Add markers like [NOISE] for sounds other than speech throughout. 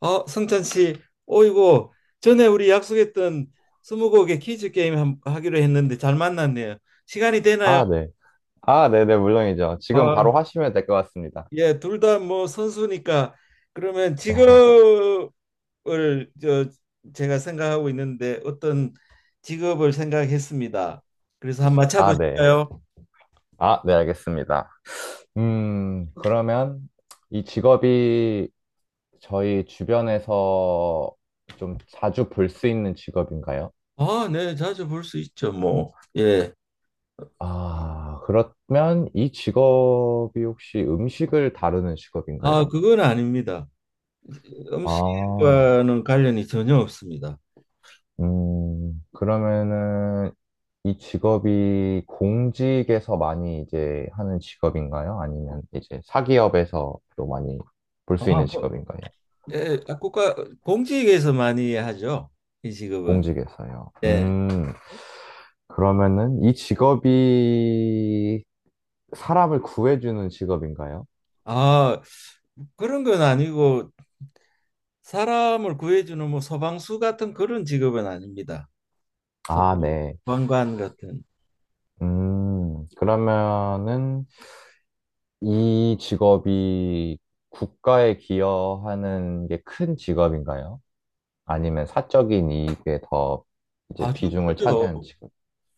아, 성찬 씨, 어이구, 전에 우리 약속했던 스무고개 퀴즈 게임 하기로 했는데 잘 만났네요. 시간이 되나요? 아, 네. 아, 네네, 물론이죠. 지금 바로 아, 하시면 될 것 같습니다. 예, 둘 다 뭐 선수니까 그러면 [LAUGHS] 직업을 저 제가 생각하고 있는데 어떤 직업을 생각했습니다. 그래서 한번 아, 네. 맞춰보실까요? 아, 네, 알겠습니다. 그러면 이 직업이 저희 주변에서 좀 자주 볼 수 있는 직업인가요? 아, 네, 자주 볼 수 있죠, 뭐. 예. 아, 그러면 이 직업이 혹시 음식을 다루는 직업인가요? 아, 그건 아닙니다. 아, 음식과는 관련이 전혀 없습니다. 그러면은 이 직업이 공직에서 많이 이제 하는 직업인가요? 아니면 이제 사기업에서 또 많이 볼 수 아, 있는 뭐, 직업인가요? 예, 아, 국가 공직에서 많이 하죠, 이 직업은. 공직에서요. 네. 그러면은 이 직업이 사람을 구해주는 직업인가요? 아, 그런 건 아니고 사람을 구해주는 뭐 소방수 같은 그런 직업은 아닙니다. 아, 네. 소방관 같은. 그러면은 이 직업이 국가에 기여하는 게 큰 직업인가요? 아니면 사적인 이익에 더 이제 아주 비중을 크죠. 차지한 직업.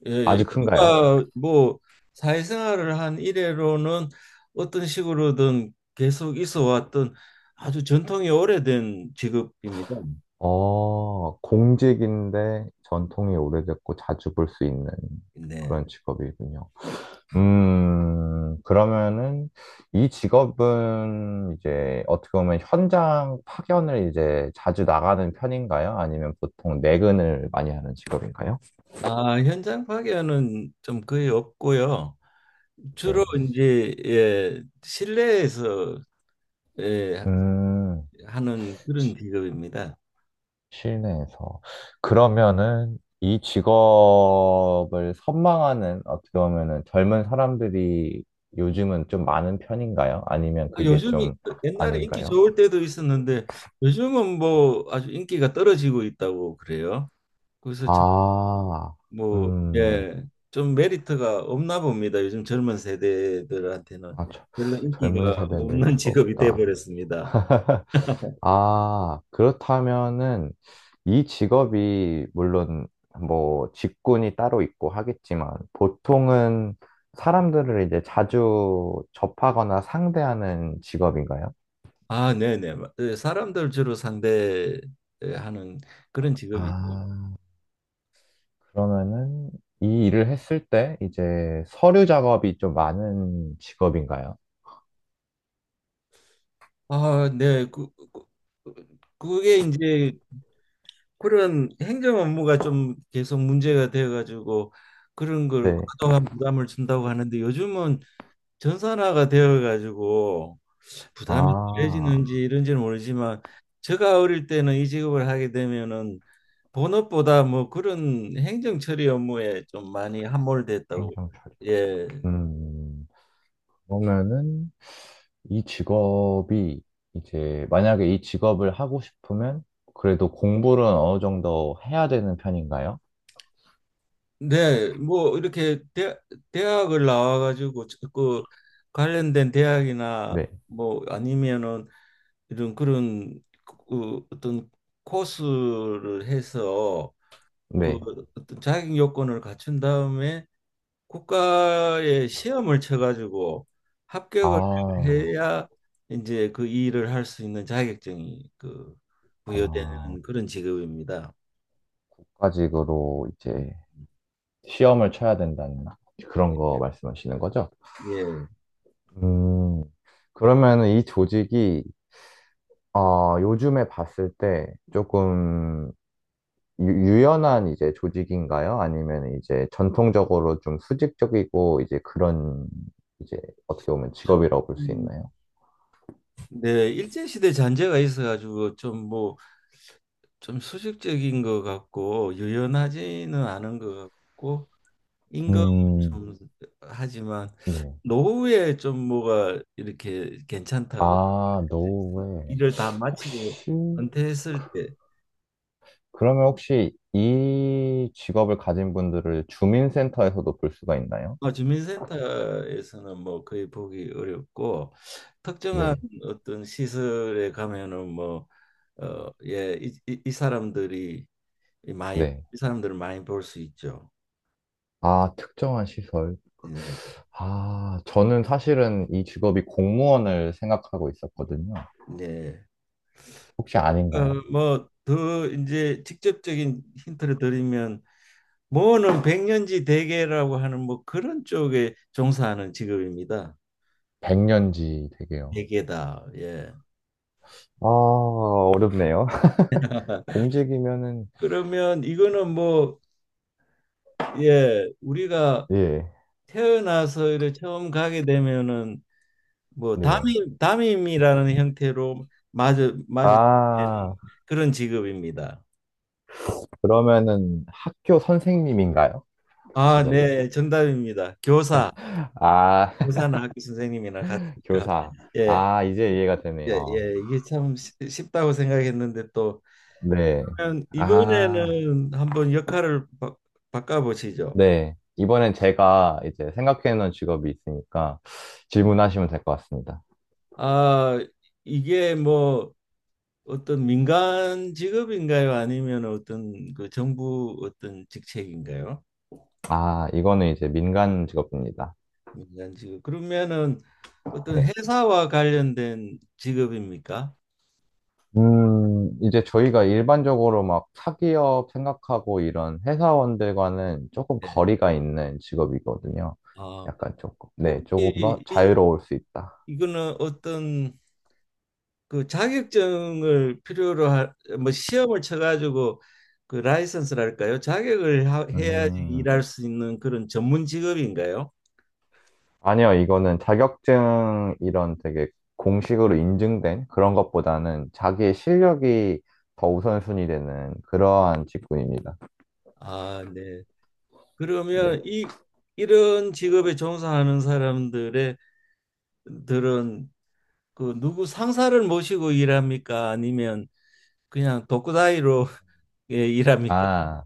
예, 예. 아주 큰가요? 인류가 뭐 사회생활을 한 이래로는 어떤 식으로든 계속 있어 왔던 아주 전통이 오래된 직업입니다. 공직인데 전통이 오래됐고 자주 볼 수 있는 네. 그런 직업이군요. 음. 그러면은 이 직업은 이제 어떻게 보면 현장 파견을 이제 자주 나가는 편인가요? 아니면 보통 내근을 많이 하는 직업인가요? 아, 현장 파견은 좀 거의 없고요. 네. 주로 이제 예, 실내에서 예, 음, 하는 그런 직업입니다. 실내에서. 그러면은 이 직업을 선망하는 어떻게 보면은 젊은 사람들이 요즘은 좀 많은 편인가요? 아니면 아, 그게 요즘이 좀 그 옛날에 인기 아닌가요? 좋을 때도 있었는데 요즘은 뭐 아주 인기가 떨어지고 있다고 그래요. 그래서 참 아, 뭐 음, 예, 좀 메리트가 없나 봅니다. 요즘 젊은 세대들한테는 아, 저- 별로 인기가 젊은 세대는 없는 [LAUGHS] 메리트가 직업이 돼 없다. 버렸습니다. 아, 그렇다면은 이 직업이 물론 뭐 직군이 따로 있고 하겠지만 보통은 사람들을 이제 자주 접하거나 상대하는 직업인가요? 아, 네네. 예, 사람들 주로 상대하는 그런 직업이죠. 아, 그러면은 이 일을 했을 때 이제 서류 작업이 좀 많은 직업인가요? 아, 네. 그- 그게 이제 그런 행정 업무가 좀 계속 문제가 되어 가지고 그런 걸 네. 과도한 부담을 준다고 하는데 요즘은 전산화가 되어 가지고 부담이 아, 덜해지는지 이런지는 모르지만 제가 어릴 때는 이 직업을 하게 되면은 본업보다 뭐 그런 행정 처리 업무에 좀 많이 함몰됐다고. 행정 처리. 예. 음, 그러면은 이 직업이 이제 만약에 이 직업을 하고 싶으면 그래도 공부는 어느 정도 해야 되는 편인가요? 네, 뭐 이렇게 대학을 나와가지고 그 관련된 대학이나 네, 뭐 아니면은 이런 그런 그 어떤 코스를 해서 그 네. 어떤 자격 요건을 갖춘 다음에 국가에 시험을 쳐가지고 합격을 아, 해야 이제 그 일을 할 수 있는 자격증이 그 아, 부여되는 그런 직업입니다. 국가직으로 이제 시험을 쳐야 된다는 그런 거 예, 말씀하시는 거죠? 예. 음, 그러면은 이 조직이 요즘에 봤을 때 조금 유연한 이제 조직인가요? 아니면 이제 전통적으로 좀 수직적이고 이제 그런 이제 어떻게 보면 좀 직업이라고 볼 수 음, 있나요? 네, 일제시대 잔재가 있어가지고 좀 뭐 좀 수직적인 것 같고 유연하지는 않은 것 같고 임금 음, 좀 하지만 네. 노후에 좀 뭐가 이렇게 괜찮다고 아, 노웨이. 일을 다 마치고 혹시, 은퇴했을 때. 그러면 혹시 이 직업을 가진 분들을 주민센터에서도 볼 수가 있나요? 어, 주민센터에서는 뭐 거의 보기 어렵고 특정한 네. 어떤 시설에 가면은 뭐 어, 예, 이 사람들이 많이 네. 이 사람들을 많이 볼 수 있죠. 아, 특정한 시설. 네. 아, 저는 사실은 이 직업이 공무원을 생각하고 있었거든요. 네. 혹시 아닌가요? 뭐 더 이제 직접적인 힌트를 드리면 뭐는 백년지 대계라고 하는 뭐 그런 쪽에 종사하는 직업입니다. 백년지 되게요. 대계다. 예. 아, 어렵네요. [LAUGHS] [LAUGHS] 공직이면은, 그러면 이거는 뭐 예, 우리가 예, 태어나서 이렇게 처음 가게 되면은 뭐 네. 담임 담임이라는 형태로 마주치는 아, 그런 직업입니다. 그러면은 학교 선생님인가요? 아, 직업이. 네, 정답입니다. 교사, 아, 교사나 학교 선생님이나 [LAUGHS] 같으니까. 교사. 예. 아, 이제 이해가 예, 되네요. 예, 이게 참 쉽다고 생각했는데 또 네. 그러면 아, 이번에는 한번 역할을 바꿔보시죠. 네. 이번엔 제가 이제 생각해놓은 직업이 있으니까 예. 질문하시면 될 것 같습니다. 아, 이게 뭐 어떤 민간 직업인가요? 아니면 어떤 그 정부 어떤 직책인가요? 아, 이거는 이제 민간 직업입니다. 민간 직업. 그러면은 어떤 네. 회사와 관련된 직업입니까? 이제 저희가 일반적으로 막 사기업 생각하고 이런 회사원들과는 조금 네. 거리가 있는 직업이거든요. 아, 약간 조금, 네, 조금 더 혹시 자유로울 수 있다. 이거는 어떤 그 자격증을 필요로 하 뭐 시험을 쳐가지고 그 라이선스랄까요? 자격을 해야지 음, 일할 수 있는 그런 전문 직업인가요? 아니요, 이거는 자격증 이런 되게 공식으로 인증된 그런 것보다는 자기의 실력이 더 우선순위 되는 그러한 직군입니다. 아, 네. 네. 그러면 이 이런 직업에 종사하는 사람들의 들은 그 누구 상사를 모시고 일합니까? 아니면 그냥 독구다이로 [LAUGHS] 예, 일합니까? 아,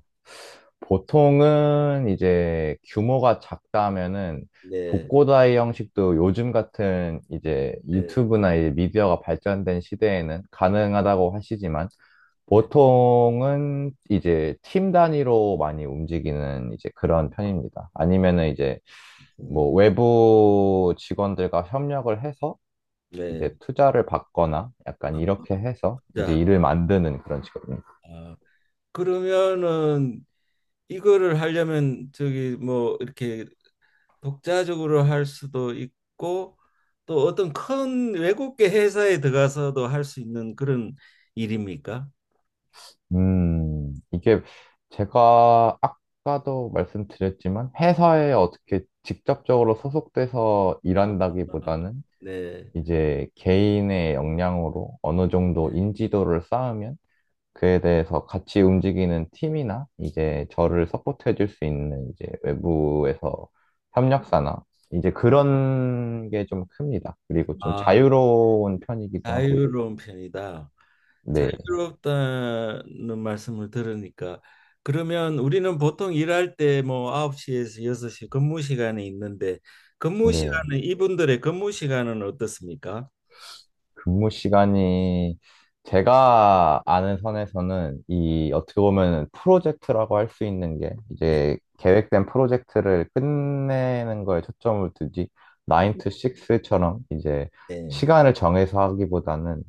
보통은 이제 규모가 작다면은 네, 독고다이 형식도 요즘 같은 이제 네, 유튜브나 이제 미디어가 발전된 시대에는 가능하다고 하시지만 네, 보통은 이제 팀 단위로 많이 움직이는 이제 그런 편입니다. 아니면은 이제 네. 뭐 외부 직원들과 협력을 해서 네. 이제 투자를 받거나 약간 아, 이렇게 해서 이제 자, 일을 만드는 그런 직업. 아, 그러면은 이거를 하려면 저기 뭐 이렇게 독자적으로 할 수도 있고 또 어떤 큰 외국계 회사에 들어가서도 할 수 있는 그런 일입니까? 이게 제가 아까도 말씀드렸지만 회사에 어떻게 직접적으로 소속돼서 아, 일한다기보다는 네. 이제 개인의 역량으로 어느 정도 네. 인지도를 쌓으면 그에 대해서 같이 움직이는 팀이나 이제 저를 서포트해 줄 수 있는 이제 외부에서 협력사나 이제 그런 게 좀 큽니다. 그리고 좀 아, 예. 자유로운 편이기도 하고요. 자유로운 편이다. 네. 자유롭다는 말씀을 들으니까 그러면 우리는 보통 일할 때 뭐 9시에서 6시 근무 시간이 있는데 근무 네. 시간은 이분들의 근무 시간은 어떻습니까? 근무 시간이 제가 아는 선에서는 이 어떻게 보면 프로젝트라고 할 수 있는 게 예. 이제 계획된 프로젝트를 끝내는 거에 초점을 두지 9 to 6처럼 이제 예. 시간을 정해서 하기보다는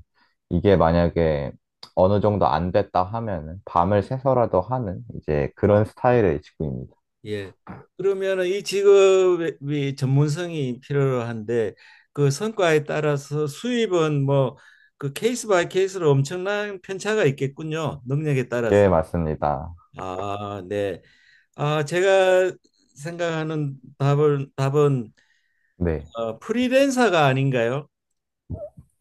이게 만약에 어느 정도 안 됐다 하면은 밤을 새서라도 하는 이제 어, 그런 어. 스타일의 직구입니다. 예. 그러면은 이 직업이 전문성이 필요한데 그 성과에 따라서 수입은 뭐 그 케이스 바이 케이스로 엄청난 편차가 있겠군요. 능력에 따라서. 예, 맞습니다. 아, 네. 아, 제가 생각하는 답은 답은 네. 어, 프리랜서가 아닌가요?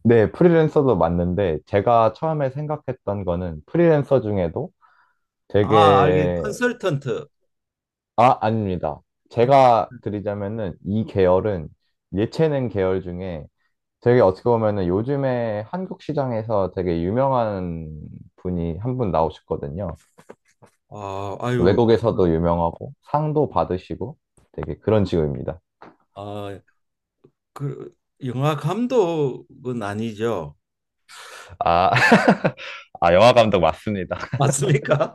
네, 프리랜서도 맞는데 제가 처음에 생각했던 거는 프리랜서 중에도 아, 알게 되게 컨설턴트. 아 아닙니다. 컨-. 제가 드리자면은 이 계열은 예체능 계열 중에 되게 어떻게 보면은 요즘에 한국 시장에서 되게 유명한 분이 한 분 나오셨거든요. 아, 아유. 외국에서도 유명하고 상도 받으시고 되게 그런 직업입니다. 아, 그 영화 감독은 아니죠. 아, [LAUGHS] 아, 영화 감독 맞습니다. 맞습니까?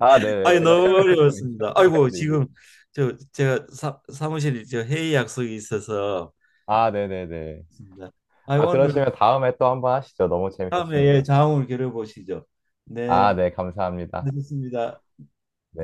아, 네네. 아이 제가 너무 설명을 좀 어려웠습니다. 이상할 아이고 수도 있는데. 지금 저 제가 사무실이 저 회의 약속이 있어서 아, 네네네. 있습니다. 아이 아, 오늘 그러시면 다음에 또 한번 하시죠. 너무 다음에 예, 재밌었습니다. 자웅을 겨뤄보시죠. 네, 아, 네. 감사합니다. 하셨습니다. 네.